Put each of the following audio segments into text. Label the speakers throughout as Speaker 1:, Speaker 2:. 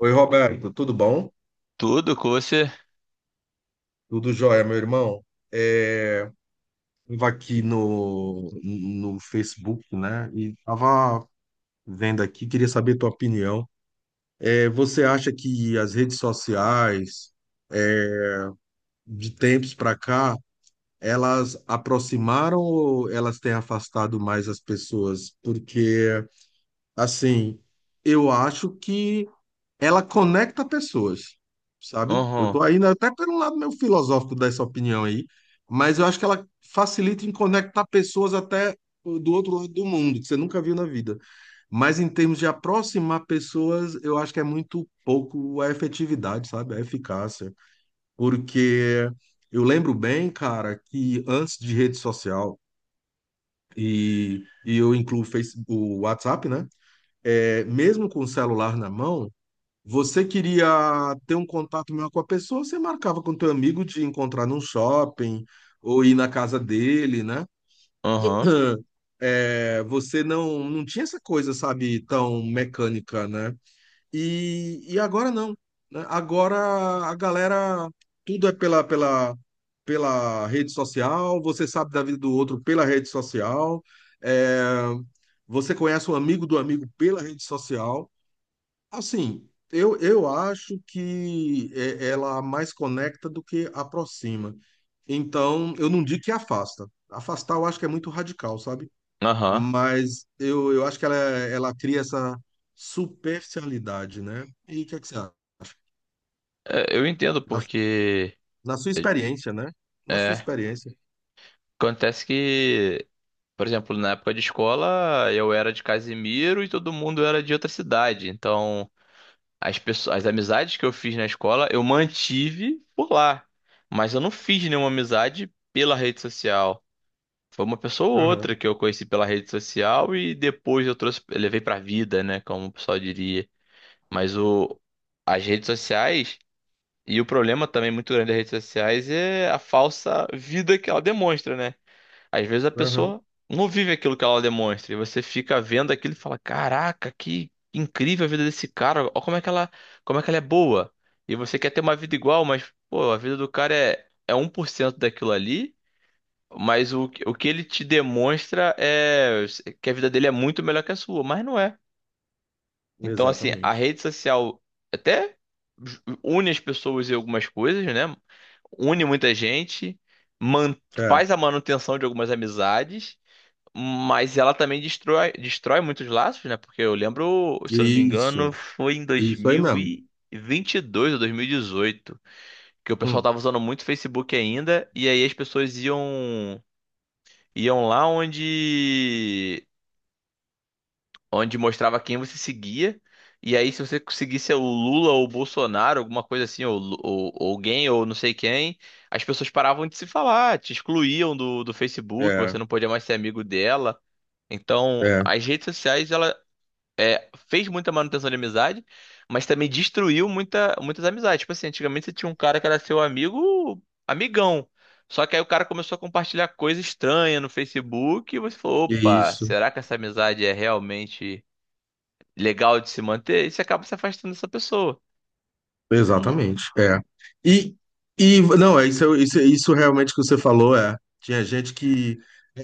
Speaker 1: Oi, Roberto, tudo bom?
Speaker 2: Tudo com você.
Speaker 1: Tudo jóia, meu irmão? É, Estava aqui no Facebook, né? E estava vendo aqui, queria saber tua opinião. Você acha que as redes sociais, de tempos para cá, elas aproximaram ou elas têm afastado mais as pessoas? Porque, assim, eu acho que ela conecta pessoas, sabe? Eu
Speaker 2: Uhum,
Speaker 1: tô ainda até pelo lado meio filosófico dessa opinião aí, mas eu acho que ela facilita em conectar pessoas até do outro lado do mundo, que você nunca viu na vida. Mas em termos de aproximar pessoas, eu acho que é muito pouco a efetividade, sabe? A eficácia. Porque eu lembro bem, cara, que antes de rede social, e eu incluo o o WhatsApp, né? É, mesmo com o celular na mão, você queria ter um contato melhor com a pessoa, você marcava com teu amigo de encontrar num shopping ou ir na casa dele, né?
Speaker 2: uhum,
Speaker 1: É, você não tinha essa coisa, sabe, tão mecânica, né? E agora não, né? Agora a galera, tudo é pela rede social, você sabe da vida do outro pela rede social, é, você conhece um amigo do amigo pela rede social. Assim, eu acho que ela mais conecta do que aproxima. Então, eu não digo que afasta. Afastar eu acho que é muito radical, sabe?
Speaker 2: aham.
Speaker 1: Mas eu acho que ela cria essa superficialidade, né? E o que é que você acha?
Speaker 2: É, eu entendo
Speaker 1: Na,
Speaker 2: porque
Speaker 1: na sua experiência, né? Na sua
Speaker 2: é,
Speaker 1: experiência.
Speaker 2: acontece que, por exemplo, na época de escola eu era de Casimiro e todo mundo era de outra cidade. Então, as pessoas, as amizades que eu fiz na escola eu mantive por lá, mas eu não fiz nenhuma amizade pela rede social. Foi uma pessoa ou
Speaker 1: Aham,
Speaker 2: outra que eu conheci pela rede social e depois eu trouxe, levei pra vida, né, como o pessoal diria. Mas o, as redes sociais, e o problema também muito grande das redes sociais é a falsa vida que ela demonstra, né? Às vezes a
Speaker 1: aham,
Speaker 2: pessoa não vive aquilo que ela demonstra, e você fica vendo aquilo e fala: caraca, que incrível a vida desse cara, olha como é que ela, como é que ela é boa. E você quer ter uma vida igual, mas, pô, a vida do cara é 1% daquilo ali, mas o que ele te demonstra é que a vida dele é muito melhor que a sua, mas não é. Então, assim, a
Speaker 1: exatamente.
Speaker 2: rede social até une as pessoas em algumas coisas, né? Une muita gente, man-
Speaker 1: É,
Speaker 2: faz a manutenção de algumas amizades, mas ela também destrói, destrói muitos laços, né? Porque eu lembro, se eu não me engano,
Speaker 1: isso,
Speaker 2: foi em dois
Speaker 1: isso aí
Speaker 2: mil
Speaker 1: mesmo.
Speaker 2: e vinte e dois ou 2018, que o pessoal
Speaker 1: Hum,
Speaker 2: tava usando muito Facebook ainda, e aí as pessoas iam lá onde mostrava quem você seguia. E aí, se você seguisse o Lula ou o Bolsonaro, alguma coisa assim, ou ou alguém, ou não sei quem, as pessoas paravam de se falar, te excluíam do Facebook,
Speaker 1: é,
Speaker 2: você não podia mais ser amigo dela. Então,
Speaker 1: é,
Speaker 2: as redes sociais, ela fez muita manutenção de amizade, mas também destruiu muitas amizades. Tipo assim, antigamente você tinha um cara que era seu amigo, amigão. Só que aí o cara começou a compartilhar coisa estranha no Facebook e você falou, opa,
Speaker 1: isso.
Speaker 2: será que essa amizade é realmente legal de se manter, e você acaba se afastando dessa pessoa. Não-
Speaker 1: Exatamente, é. E, e não, é isso, isso, isso realmente que você falou, é. Tinha gente que.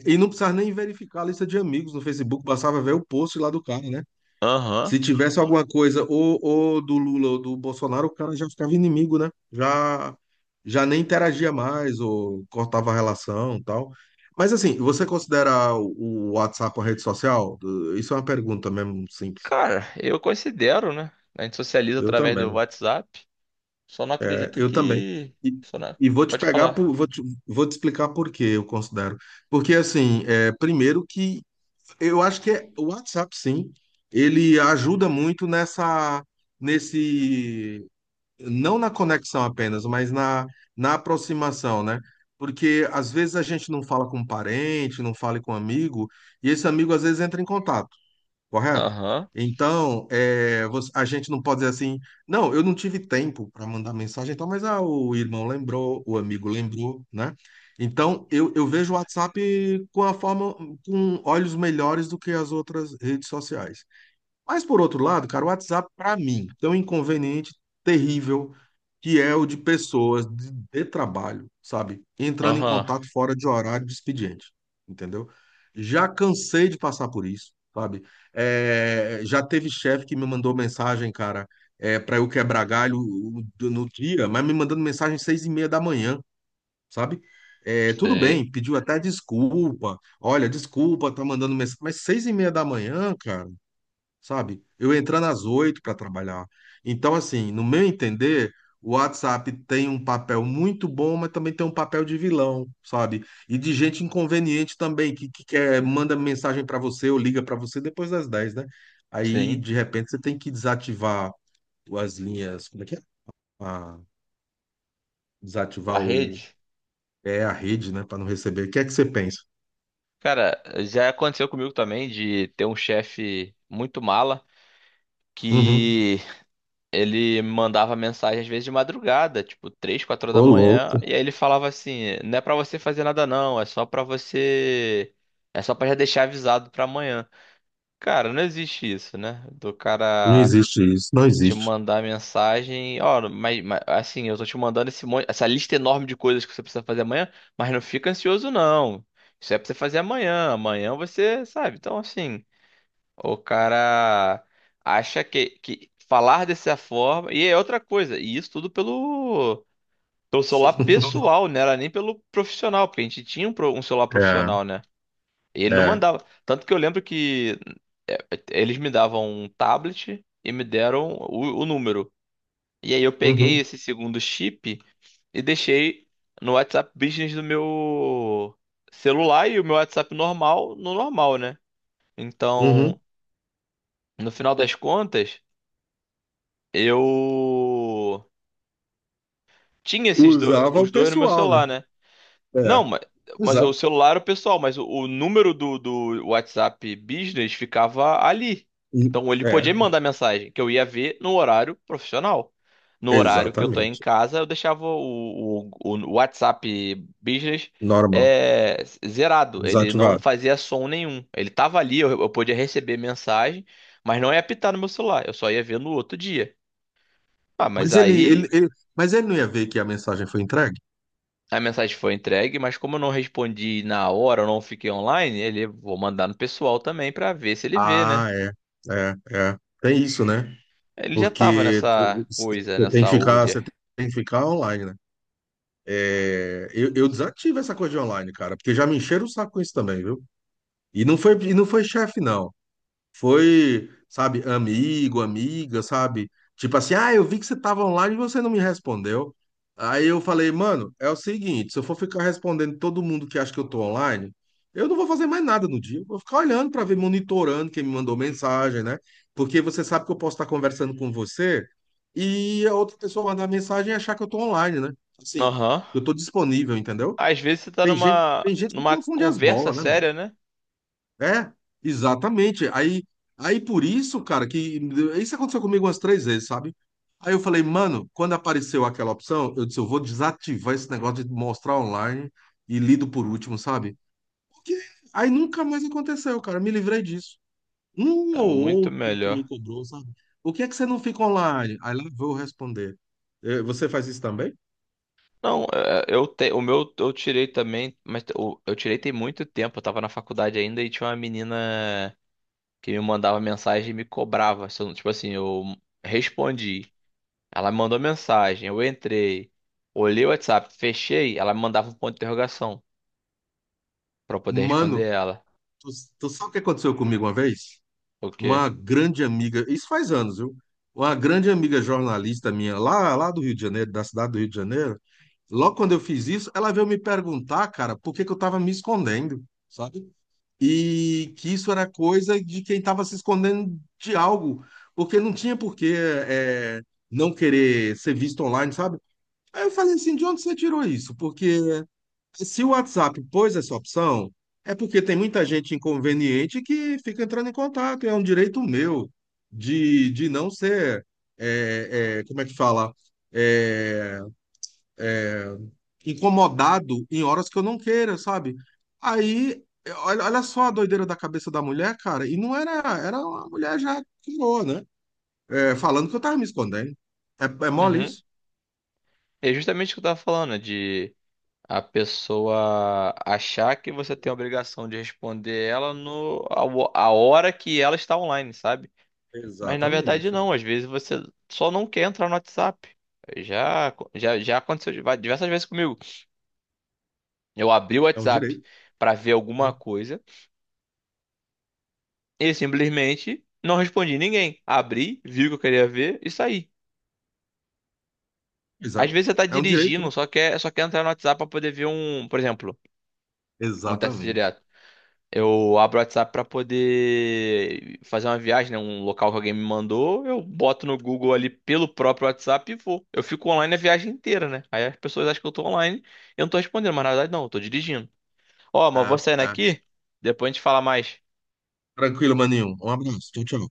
Speaker 1: E não precisava nem verificar a lista de amigos no Facebook, bastava ver o post lá do cara, né?
Speaker 2: Aham.
Speaker 1: Se tivesse alguma coisa ou do Lula ou do Bolsonaro, o cara já ficava inimigo, né? Já, já nem interagia mais ou cortava a relação e tal. Mas assim, você considera o WhatsApp uma rede social? Isso é uma pergunta mesmo simples.
Speaker 2: Cara, eu considero, né? A gente socializa
Speaker 1: Eu
Speaker 2: através do
Speaker 1: também.
Speaker 2: WhatsApp. Só não
Speaker 1: É,
Speaker 2: acredito
Speaker 1: eu também.
Speaker 2: que.
Speaker 1: E,
Speaker 2: Só não.
Speaker 1: e vou te
Speaker 2: Pode
Speaker 1: pegar
Speaker 2: falar.
Speaker 1: vou te explicar por que eu considero. Porque assim, é, primeiro que eu acho que é, o WhatsApp, sim, ele ajuda muito nesse, não na conexão apenas, mas na aproximação, né? Porque às vezes a gente não fala com um parente, não fala com um amigo, e esse amigo às vezes entra em contato correto?
Speaker 2: Aham.
Speaker 1: Então, é, você- a gente não pode dizer assim, não, eu não tive tempo para mandar mensagem, então, mas ah, o irmão lembrou, o amigo lembrou, né? Então, eu vejo o WhatsApp com a forma, com olhos melhores do que as outras redes sociais. Mas por outro lado, cara, o WhatsApp, para mim, tem um inconveniente terrível que é o de pessoas de trabalho, sabe? Entrando em
Speaker 2: Aham.
Speaker 1: contato fora de horário de expediente, entendeu? Já cansei de passar por isso, sabe? É, já teve chefe que me mandou mensagem, cara, é, para eu quebrar galho no dia, mas me mandando mensagem às seis e meia da manhã, sabe? É, tudo
Speaker 2: Sei.
Speaker 1: bem, pediu até desculpa. Olha, desculpa, tá mandando mensagem, mas seis e meia da manhã, cara, sabe? Eu entrando às oito para trabalhar. Então, assim, no meu entender, o WhatsApp tem um papel muito bom, mas também tem um papel de vilão, sabe? E de gente inconveniente também, que quer, manda mensagem para você ou liga para você depois das dez, né? Aí,
Speaker 2: Sim.
Speaker 1: de repente, você tem que desativar as linhas, como é que é? Ah,
Speaker 2: A
Speaker 1: desativar o,
Speaker 2: rede.
Speaker 1: é a rede, né, para não receber. O que é que você pensa?
Speaker 2: Cara, já aconteceu comigo também de ter um chefe muito mala
Speaker 1: Uhum.
Speaker 2: que ele mandava mensagem às vezes de madrugada, tipo 3, 4 horas da
Speaker 1: Ô,
Speaker 2: manhã,
Speaker 1: louco,
Speaker 2: e aí ele falava assim: "Não é pra você fazer nada não, é só pra você, é só pra já deixar avisado pra amanhã". Cara, não existe isso, né? Do
Speaker 1: não
Speaker 2: cara
Speaker 1: existe isso, não
Speaker 2: te
Speaker 1: existe.
Speaker 2: mandar mensagem, ó, mas, assim, eu tô te mandando esse monte, essa lista enorme de coisas que você precisa fazer amanhã, mas não fica ansioso não. Isso é pra você fazer amanhã, amanhã você, sabe? Então, assim, o cara acha que falar dessa forma. E é outra coisa, e isso tudo pelo celular pessoal, né? Era nem pelo profissional, porque a gente tinha um celular
Speaker 1: É,
Speaker 2: profissional, né? E ele não
Speaker 1: é.
Speaker 2: mandava. Tanto que eu lembro que eles me davam um tablet e me deram o número. E aí eu peguei
Speaker 1: Uhum,
Speaker 2: esse segundo chip e deixei no WhatsApp Business do meu celular e o meu WhatsApp normal no normal, né?
Speaker 1: uhum.
Speaker 2: Então, no final das contas, eu tinha
Speaker 1: Usava
Speaker 2: os
Speaker 1: o
Speaker 2: dois no meu
Speaker 1: pessoal, né?
Speaker 2: celular, né? Não,
Speaker 1: É,
Speaker 2: mas o
Speaker 1: exa-
Speaker 2: celular era o pessoal, mas o número do WhatsApp Business ficava ali. Então ele
Speaker 1: é,
Speaker 2: podia me mandar mensagem, que eu ia ver no horário profissional. No horário que eu tô em
Speaker 1: exatamente.
Speaker 2: casa, eu deixava o WhatsApp Business,
Speaker 1: Normal,
Speaker 2: é, zerado. Ele não
Speaker 1: desativado.
Speaker 2: fazia som nenhum. Ele tava ali, eu podia receber mensagem, mas não ia apitar no meu celular. Eu só ia ver no outro dia. Ah, mas
Speaker 1: Mas
Speaker 2: aí
Speaker 1: mas ele não ia ver que a mensagem foi entregue?
Speaker 2: a mensagem foi entregue, mas como eu não respondi na hora, eu não fiquei online, ele vou mandar no pessoal também pra ver se ele vê, né?
Speaker 1: Ah, é, é. Tem isso, né?
Speaker 2: Ele já tava
Speaker 1: Porque
Speaker 2: nessa
Speaker 1: você
Speaker 2: coisa,
Speaker 1: tem que
Speaker 2: nessa
Speaker 1: ficar, você
Speaker 2: úria.
Speaker 1: tem que ficar online, né? É, eu desativo essa coisa de online, cara, porque já me encheram o saco com isso também, viu? E não foi chefe, não. Foi, sabe, amigo, amiga, sabe? Tipo assim, ah, eu vi que você tava online e você não me respondeu. Aí eu falei, mano, é o seguinte, se eu for ficar respondendo todo mundo que acha que eu tô online, eu não vou fazer mais nada no dia. Eu vou ficar olhando pra ver, monitorando quem me mandou mensagem, né? Porque você sabe que eu posso estar conversando com você e a outra pessoa mandar mensagem e achar que eu tô online, né? Assim,
Speaker 2: Aham.
Speaker 1: eu tô disponível, entendeu?
Speaker 2: Às vezes você tá numa
Speaker 1: Tem gente que
Speaker 2: numa
Speaker 1: confunde as
Speaker 2: conversa
Speaker 1: bolas, né, mano?
Speaker 2: séria, né?
Speaker 1: É, exatamente. Aí por isso, cara, que isso aconteceu comigo umas três vezes, sabe? Aí eu falei, mano, quando apareceu aquela opção, eu disse, eu vou desativar esse negócio de mostrar online e lido por último, sabe? Porque aí nunca mais aconteceu, cara. Me livrei disso. Um
Speaker 2: É
Speaker 1: ou
Speaker 2: muito
Speaker 1: outro que me
Speaker 2: melhor.
Speaker 1: cobrou, sabe? O que é que você não fica online? Aí lá eu vou responder. Eh, você faz isso também?
Speaker 2: Não, é, o meu eu tirei também, mas eu tirei tem muito tempo, eu tava na faculdade ainda e tinha uma menina que me mandava mensagem e me cobrava. Se eu não- Tipo assim, eu respondi. Ela me mandou mensagem, eu entrei, olhei o WhatsApp, fechei, ela me mandava um ponto de interrogação pra eu poder responder
Speaker 1: Mano,
Speaker 2: ela.
Speaker 1: tu, tu sabe o que aconteceu comigo uma vez?
Speaker 2: O quê?
Speaker 1: Uma grande amiga, isso faz anos, viu? Uma grande amiga jornalista minha, lá do Rio de Janeiro, da cidade do Rio de Janeiro, logo quando eu fiz isso, ela veio me perguntar, cara, por que que eu tava me escondendo, sabe? E que isso era coisa de quem tava se escondendo de algo, porque não tinha por que é, não querer ser visto online, sabe? Aí eu falei assim, de onde você tirou isso? Porque se o WhatsApp pôs essa opção, é porque tem muita gente inconveniente que fica entrando em contato. É um direito meu de não ser, como é que fala, é, incomodado em horas que eu não queira, sabe? Aí, olha, olha só a doideira da cabeça da mulher, cara. E não era, era uma mulher já curou, né? É, falando que eu tava me escondendo. É, é mole
Speaker 2: Uhum.
Speaker 1: isso?
Speaker 2: É justamente o que eu tava falando, né, de a pessoa achar que você tem a obrigação de responder ela no a, ho- a hora que ela está online, sabe? Mas na verdade
Speaker 1: Exatamente. É.
Speaker 2: não, às vezes você só não quer entrar no WhatsApp. Já, já, já aconteceu diversas vezes comigo. Eu abri o
Speaker 1: É um
Speaker 2: WhatsApp
Speaker 1: direito.
Speaker 2: pra ver alguma
Speaker 1: Hum,
Speaker 2: coisa. E simplesmente não respondi ninguém. Abri, vi o que eu queria ver e saí.
Speaker 1: Pois
Speaker 2: Às
Speaker 1: é.
Speaker 2: vezes você tá
Speaker 1: É um direito,
Speaker 2: dirigindo,
Speaker 1: né?
Speaker 2: só quer entrar no WhatsApp pra poder ver um, por exemplo, acontece
Speaker 1: Exatamente.
Speaker 2: direto. Eu abro o WhatsApp pra poder fazer uma viagem, né, um local que alguém me mandou, eu boto no Google ali pelo próprio WhatsApp e vou. Eu fico online a viagem inteira, né? Aí as pessoas acham que eu tô online, eu não tô respondendo, mas na verdade não, eu tô dirigindo. Ó, mas eu vou
Speaker 1: É,
Speaker 2: saindo
Speaker 1: é.
Speaker 2: aqui, depois a gente fala mais.
Speaker 1: Tranquilo, maninho. Um abraço. Tchau, tchau.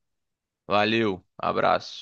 Speaker 2: Valeu, abraço.